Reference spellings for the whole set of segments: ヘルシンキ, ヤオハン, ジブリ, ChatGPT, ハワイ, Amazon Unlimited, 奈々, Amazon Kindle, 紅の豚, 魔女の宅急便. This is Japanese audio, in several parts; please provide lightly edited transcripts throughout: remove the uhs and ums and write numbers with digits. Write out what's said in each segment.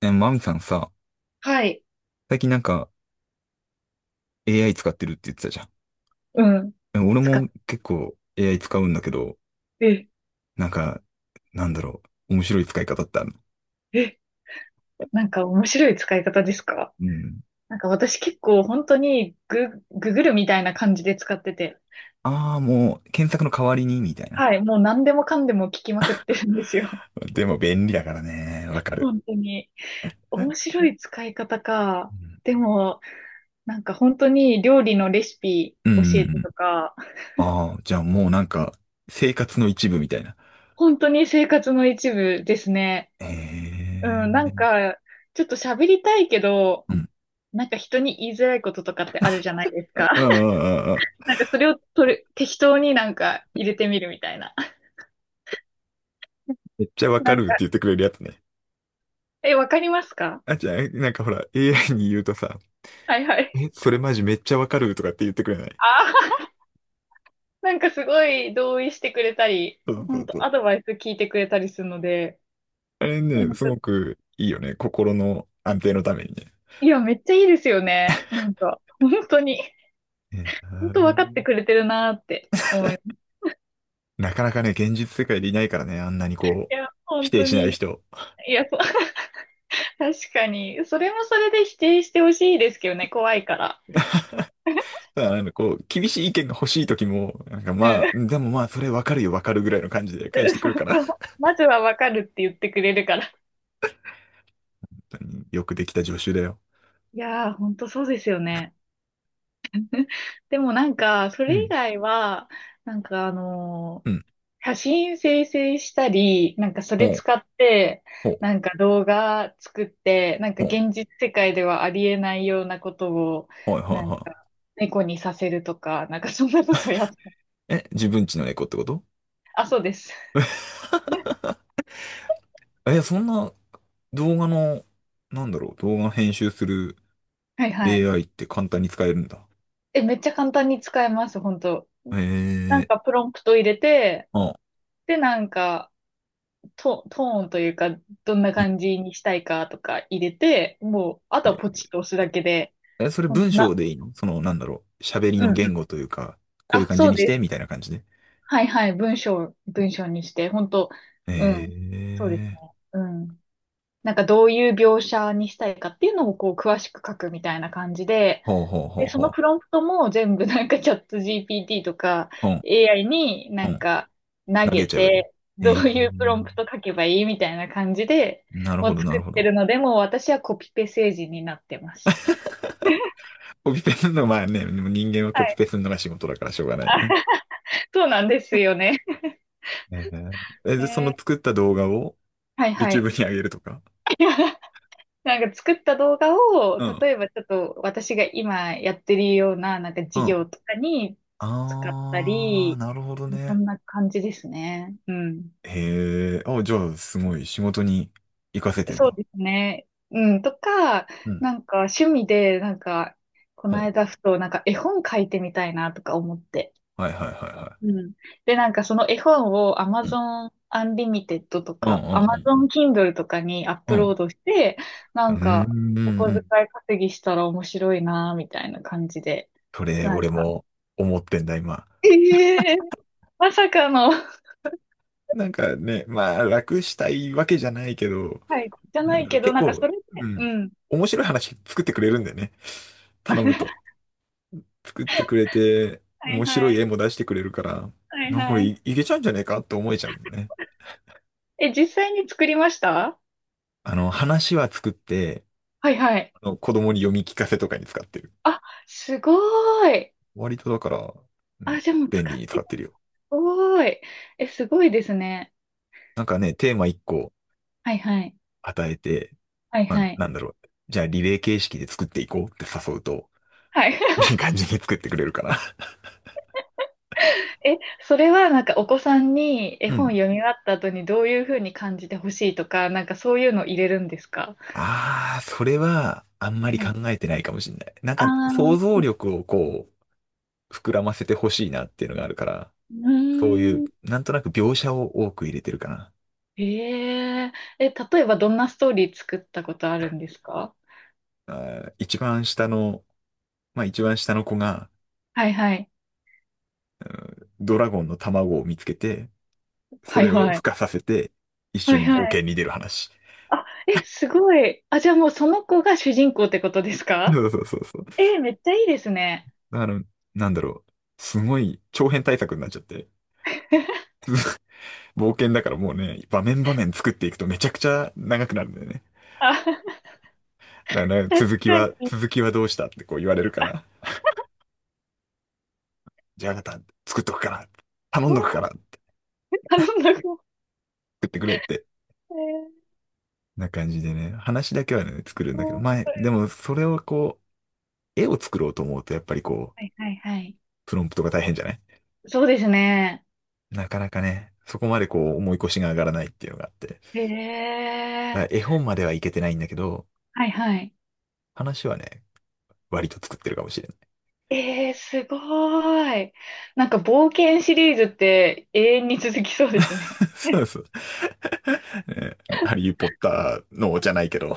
マミさんさ、はい。最近なんか AI 使ってるって言ってたじゃん。うん。え、俺使っも結構 AI 使うんだけど、て、なんか、なんだろう、面白い使い方ってあるの？え、なんか面白い使い方ですか？うん。なんか私結構本当にググるみたいな感じで使ってて。ああ、もう検索の代わりに、みたいな。はい。もう何でもかんでも聞きまくってるんですよ。でも便利だからね、わ かる。本当に。面白い使い方うか。ん。でも、なんか本当に料理のレシピうんう教えんてうん。とか、ああ、じゃあもうなんか、生活の一部みたいな。本当に生活の一部ですね。えうん。なんえ。か、ちょっと喋りたいけど、うん。なんか人に言いづらいこととかってあるじゃないですか。ああ、ああ、ああ、なんかそれを取る、適当になんか入れてみるみたいな。めっちゃわかなんるってか、言ってくれるやつね。え、わかりますか？あ、じゃあ、なんかほら、AI に言うとさ、はいはい。それマジめっちゃわかるとかって言ってくれない？ああ、なんかすごい同意してくれたり、そうそ本うそ当う。アドバイス聞いてくれたりするので、あれなね、んすか、ごくいいよね。心の安定のためにね。いや、めっちゃいいですよね。なんか、本当に、いや本当分かってー、くれてるなーって思います。なかなかね、現実世界でいないからね、あんなにこいう、や、否本定当しないに、人。いや、そう。 確かに、それもそれで否定してほしいですけどね、怖いから。ただ、なんかこう、厳しい意見が欲しい時も、なんかうまあ、ん。でもまあ、それわかるよ、わかるぐらいの感じで 返そしてくうるから。そう、 まずは分かるって言ってくれるから。本当によくできた助手だよ。いやー、本当そうですよね。でもなんか、そうれ以ん。外は、なんかあのうーん。写真生成したり、なんかそほれう、使って、ほう、なんか動画作って、なんかほう、現実世界ではありえないようなことを、はいはいなんかは猫にさせるとか、なんかそんなことやった。い。え、自分ちの猫ってこと？ あ、そうです。え、そんな動画の、なんだろう、動画編集する はいはい。AI って簡単に使えるんだ。え、めっちゃ簡単に使えます、本当。なんええ。かプロンプト入れて、あ、で、なんか、トーンというか、どんなうん。感じにしたいかとか入れて、もう、あとはポチッと押すだけで、え、それほんと文章な、でいいの？その、なんだろう。喋りうんのう言ん、語というか、こういうあ、感じそうにしでて、みたす。いな感じで。はいはい、文章にして、本当えうん、そうですえ。ね。うん。なんかどういう描写にしたいかっていうのをこう詳しく書くみたいな感じで、ほうほうほうで、そのほプロンプトも全部なんかチャット GPT とか う。うん、AI にうなんん。か投投げげちゃえばいい。て、どえうえ。いうプロンプト書けばいいみたいな感じで、なるもほうど、な作っるほてど。るので、もう私はコピペ政治になってます。コピペするのまあね、でも人間ははコピい。ペするのが仕事だからしょうがないね。そうなんですよね。ええ。え、で、そのね、作った動画を はいは YouTube い。に上げるとか。なんか作った動画を、うん。例えばちょっと私が今やってるようななんかう授ん。業とかに使ったあー、り、なるほどそね。んな感じですね。うん。へえ、あ、じゃあ、すごい、仕事に活かせてんそうだ。ですね。うん、とか、うん。なんか趣味で、なんか、こうのん。間ふと、なんか絵本書いてみたいなとか思って。はいはいはいはうん。で、なんかその絵本を い。うん。Amazon Unlimited とうんかうん Amazon Kindle とかにアッうん。プうローん。ドして、なうんうんんか、おう小遣ん。い稼ぎしたら面白いな、みたいな感じで、それ、なん俺か、も思ってんだ、今。ええ、まさかの、なんかね、まあ、楽したいわけじゃないけど、はい、じゃななんいだろう、けど、結なんかそ構、れで、ううん、ん。面白い話作ってくれるんだよね。頼むと。作ってくれて、はい面白はいい。絵も出してくれるから、はいなんかこれはい。いけちゃうんじゃねえかって思えちゃうんだよね。え、実際に作りました？あの、話は作って、はいはい。あの子供に読み聞かせとかに使ってる。あ、すごい。割とだから、うあ、ん、じゃあもう便使利っにて使ってるんるだ。すよ。ごい。え、すごいですね。なんかね、テーマ1個はいはい。与えて、はいまあ、はい。なんだろう、じゃあリレー形式で作っていこうって誘うと、はい。いい感じに作ってくれるかな。 え、それはなんかお子さんに絵う本ん。読み終わった後にどういうふうに感じてほしいとか、なんかそういうの入れるんですか？ああ、それは、あんまりは考い。えてないかもしれない。なんあか、想ー、像力をこう、膨らませてほしいなっていうのがあるから、うそういう、ーん。なんとなく描写を多く入れてるかな。え、え、え、例えばどんなストーリー作ったことあるんですか？あ一番下の、まあ一番下の子が、はいはい。ドラゴンの卵を見つけて、そはいれをは孵い。化させて、一は緒いには冒い。険に出る話。あ、え、すごい。あ、じゃあもうその子が主人公ってことです そか？うそうそうそう。だえー、めっちゃいいですね。から、なんだろう、すごい長編対策になっちゃって。冒険だからもうね、場面場面作っていくとめちゃくちゃ長くなるんだよね。あ、だから確続きかは、に。続きはどうしたってこう言われるから。じゃあまた作っとくから。頼んわどくから。あ、作頼んだこ、ってくれって。えー、な感じでね。話だけはね、作るんだけど。そ前、う、でもそれをこう、絵を作ろうと思うとやっぱりこはう、いはいはい。プロンプトが大変じゃない？そうですね。なかなかね、そこまでこう、思い越しが上がらないっていうのがあって。えまあ、え、絵本まではいけてないんだけど、はいはい。話はね、割と作ってるかもしれない。ええ、すごーい。なんか冒険シリーズって永遠に続きそうですね。そうそう。ね、ハリー・ポッターのじゃないけど。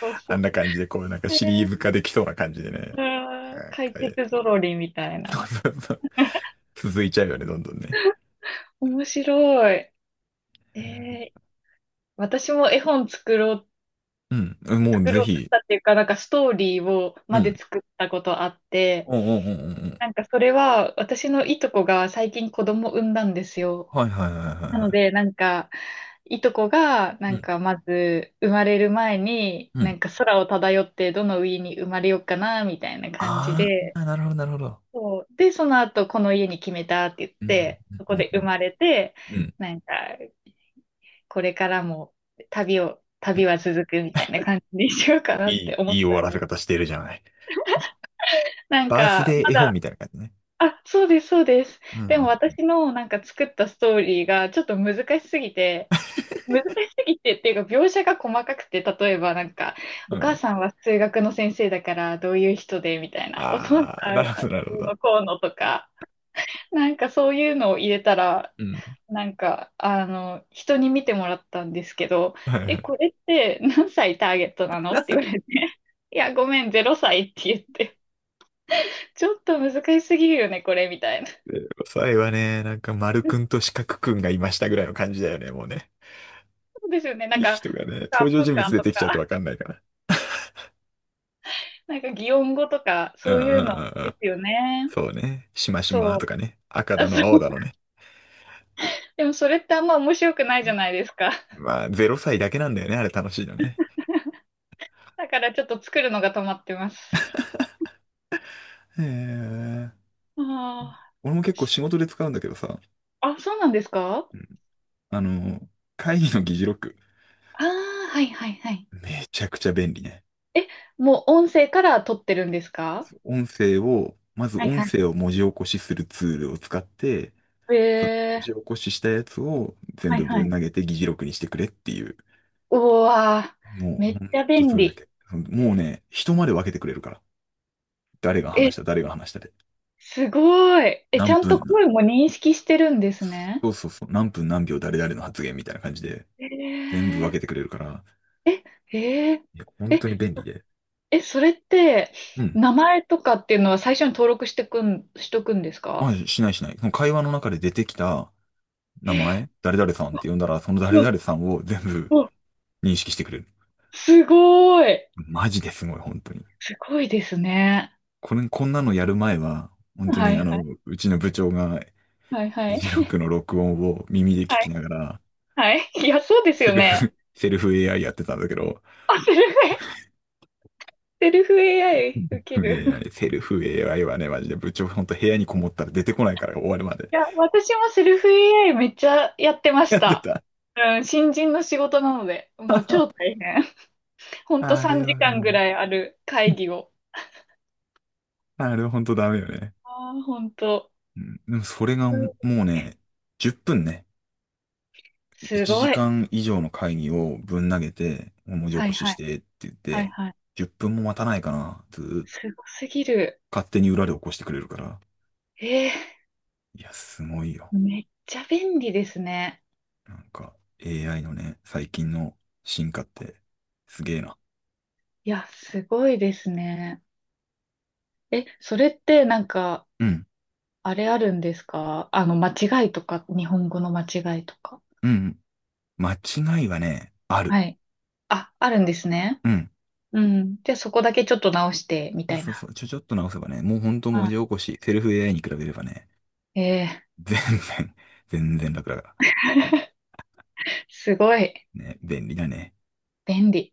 そう そあんう。なえ感じで、こう、なんかシリーえ、ズ化できそうな感じでね。あー、なん解かやっ決てぞる。 ろりみたい そうな。そうそう。続いちゃうよね、どんどんね。面白い。ええ、私も絵本作ろう、うん。うん、もう作ぜろうとしひ。たっていうか、なんかストーリーをうまでん。作ったことあって、うんうんうんうんうん。なんかそれは私のいとこが最近子供産んだんですよ。はいはいはいはいなのはでなんかいとこがい。なうんん。かまず生まれる前にうなん。んか空を漂ってどの家に生まれようかなみたいな感じあで、あ、なるほどなるほど。そう。で、その後この家に決めたって言っうんて、うんそうこんでう生ん。まれて、うん。なんかこれからも旅は続くみたいな感じにしようかないってい、思いっい終わたらんせです。方してるじゃない。なんバースかデまー絵本だ、みたいな感じね。あ、そうです、そうです。うでもん私のなんか作ったストーリーがちょっと難しすぎて、難しすぎてっていうか描写が細かくて、例えばなんか、うおん。う母ん。さんは数学の先生だからどういう人でみたいな、お父あさー、なんるほはど、なるほどうど。のこうのとか、なんかそういうのを入れたら、うん。なんか、あの、人に見てもらったんですけど、はいはえ、い。これって何歳ターゲットなのって言われて、いや、ごめん、0歳って言って、ちょっと難しすぎるよね、これ、みたいな。で、最後はね、なんか丸くんと四角くんがいましたぐらいの感じだよね、もうね。そうですよね。なんいいか、人がね、プカ登場プ人物カ出とてきちゃうとか、わかんないから。なんか擬音語とか、うんうそんういうのうんうん。ですよね。そうね。しましまそとう。かね。赤あ、だのそ青う。だのね。でもそれってあんま面白くないじゃないですか。まあ、0歳だけなんだよね、あれ楽しいのね。だからちょっと作るのが止まってます。へえ。ああ、俺も結構し、仕事で使うんだけどさ。あ、そうなんですか？うん、あの、会議の議事録。ああー、はいはいはい。めちゃくちゃ便利ね。え、もう音声から撮ってるんですか？音声を、まずはい音は声を文字起こしするツールを使って、い。えその文ー、字起こししたやつを全はい部はぶんい。投げて議事録にしてくれっていう。うわもー、めうっほんちゃと便それだ利。け。もうね、人まで分けてくれるから。誰がえ、話した、誰が話したで。すごい。え、ち何ゃんと分な、声も認識してるんですそね。うそうそう、何分何秒誰々の発言みたいな感じで、え全部分ー、けてくれるから、えー、いや、本当に便利で。え、それって、うん。名前とかっていうのは最初に登録してくん、しとくんですあ、か？しないしない。その会話の中で出てきた名前、誰々さんって呼んだら、そのう誰わ、々さんを全部うわ、認識してくれる。すごい。マジですごい、本当に。すごいですね。こんなのやる前は、本当はにいはい。うちの部長が、はいは議い。事録の録音を耳で聞はきいながら、はい。いや、そうですセよルね。フ、セルフ AI やってたんだけど、あ、セルフ AI 受 けセルフ る。AI、セルフ AI はね、マジで部長、本当部屋にこもったら出てこないから終わるまでいや、私もセルフ AI めっちゃやってましやってた。た。うん、新人の仕事なので、もう超大変。ほんとあれ3は時間ぐね、らいある会議を。あれは本当ダメよね。ああ、ほんと。うん、でもそれがもうね、10分ね、す1ごい。時間以上の会議をぶん投げて、文字起はこいしはしい。てって言っはいて、はい。10分も待たないかな、ずーっすごすぎる。勝手に裏で起こしてくれるから。えー、いや、すごいよ。めっちゃ便利ですね。なんか、AI のね、最近の進化って、すげえな。いや、すごいですね。え、それってなんか、うん、あれあるんですか、あの、間違いとか、日本語の間違いとか。うん、うん。間違いはね、ある。はい。あ、あるんですね。うん。うん。じゃあそこだけちょっと直して、みそうたいそうそな。う。ちょっと直せばね、もうほんと文あ、字起こし、セルフ AI に比べればね、えー、全然、全然楽だかすごい、ら。ね、便利だね。便利。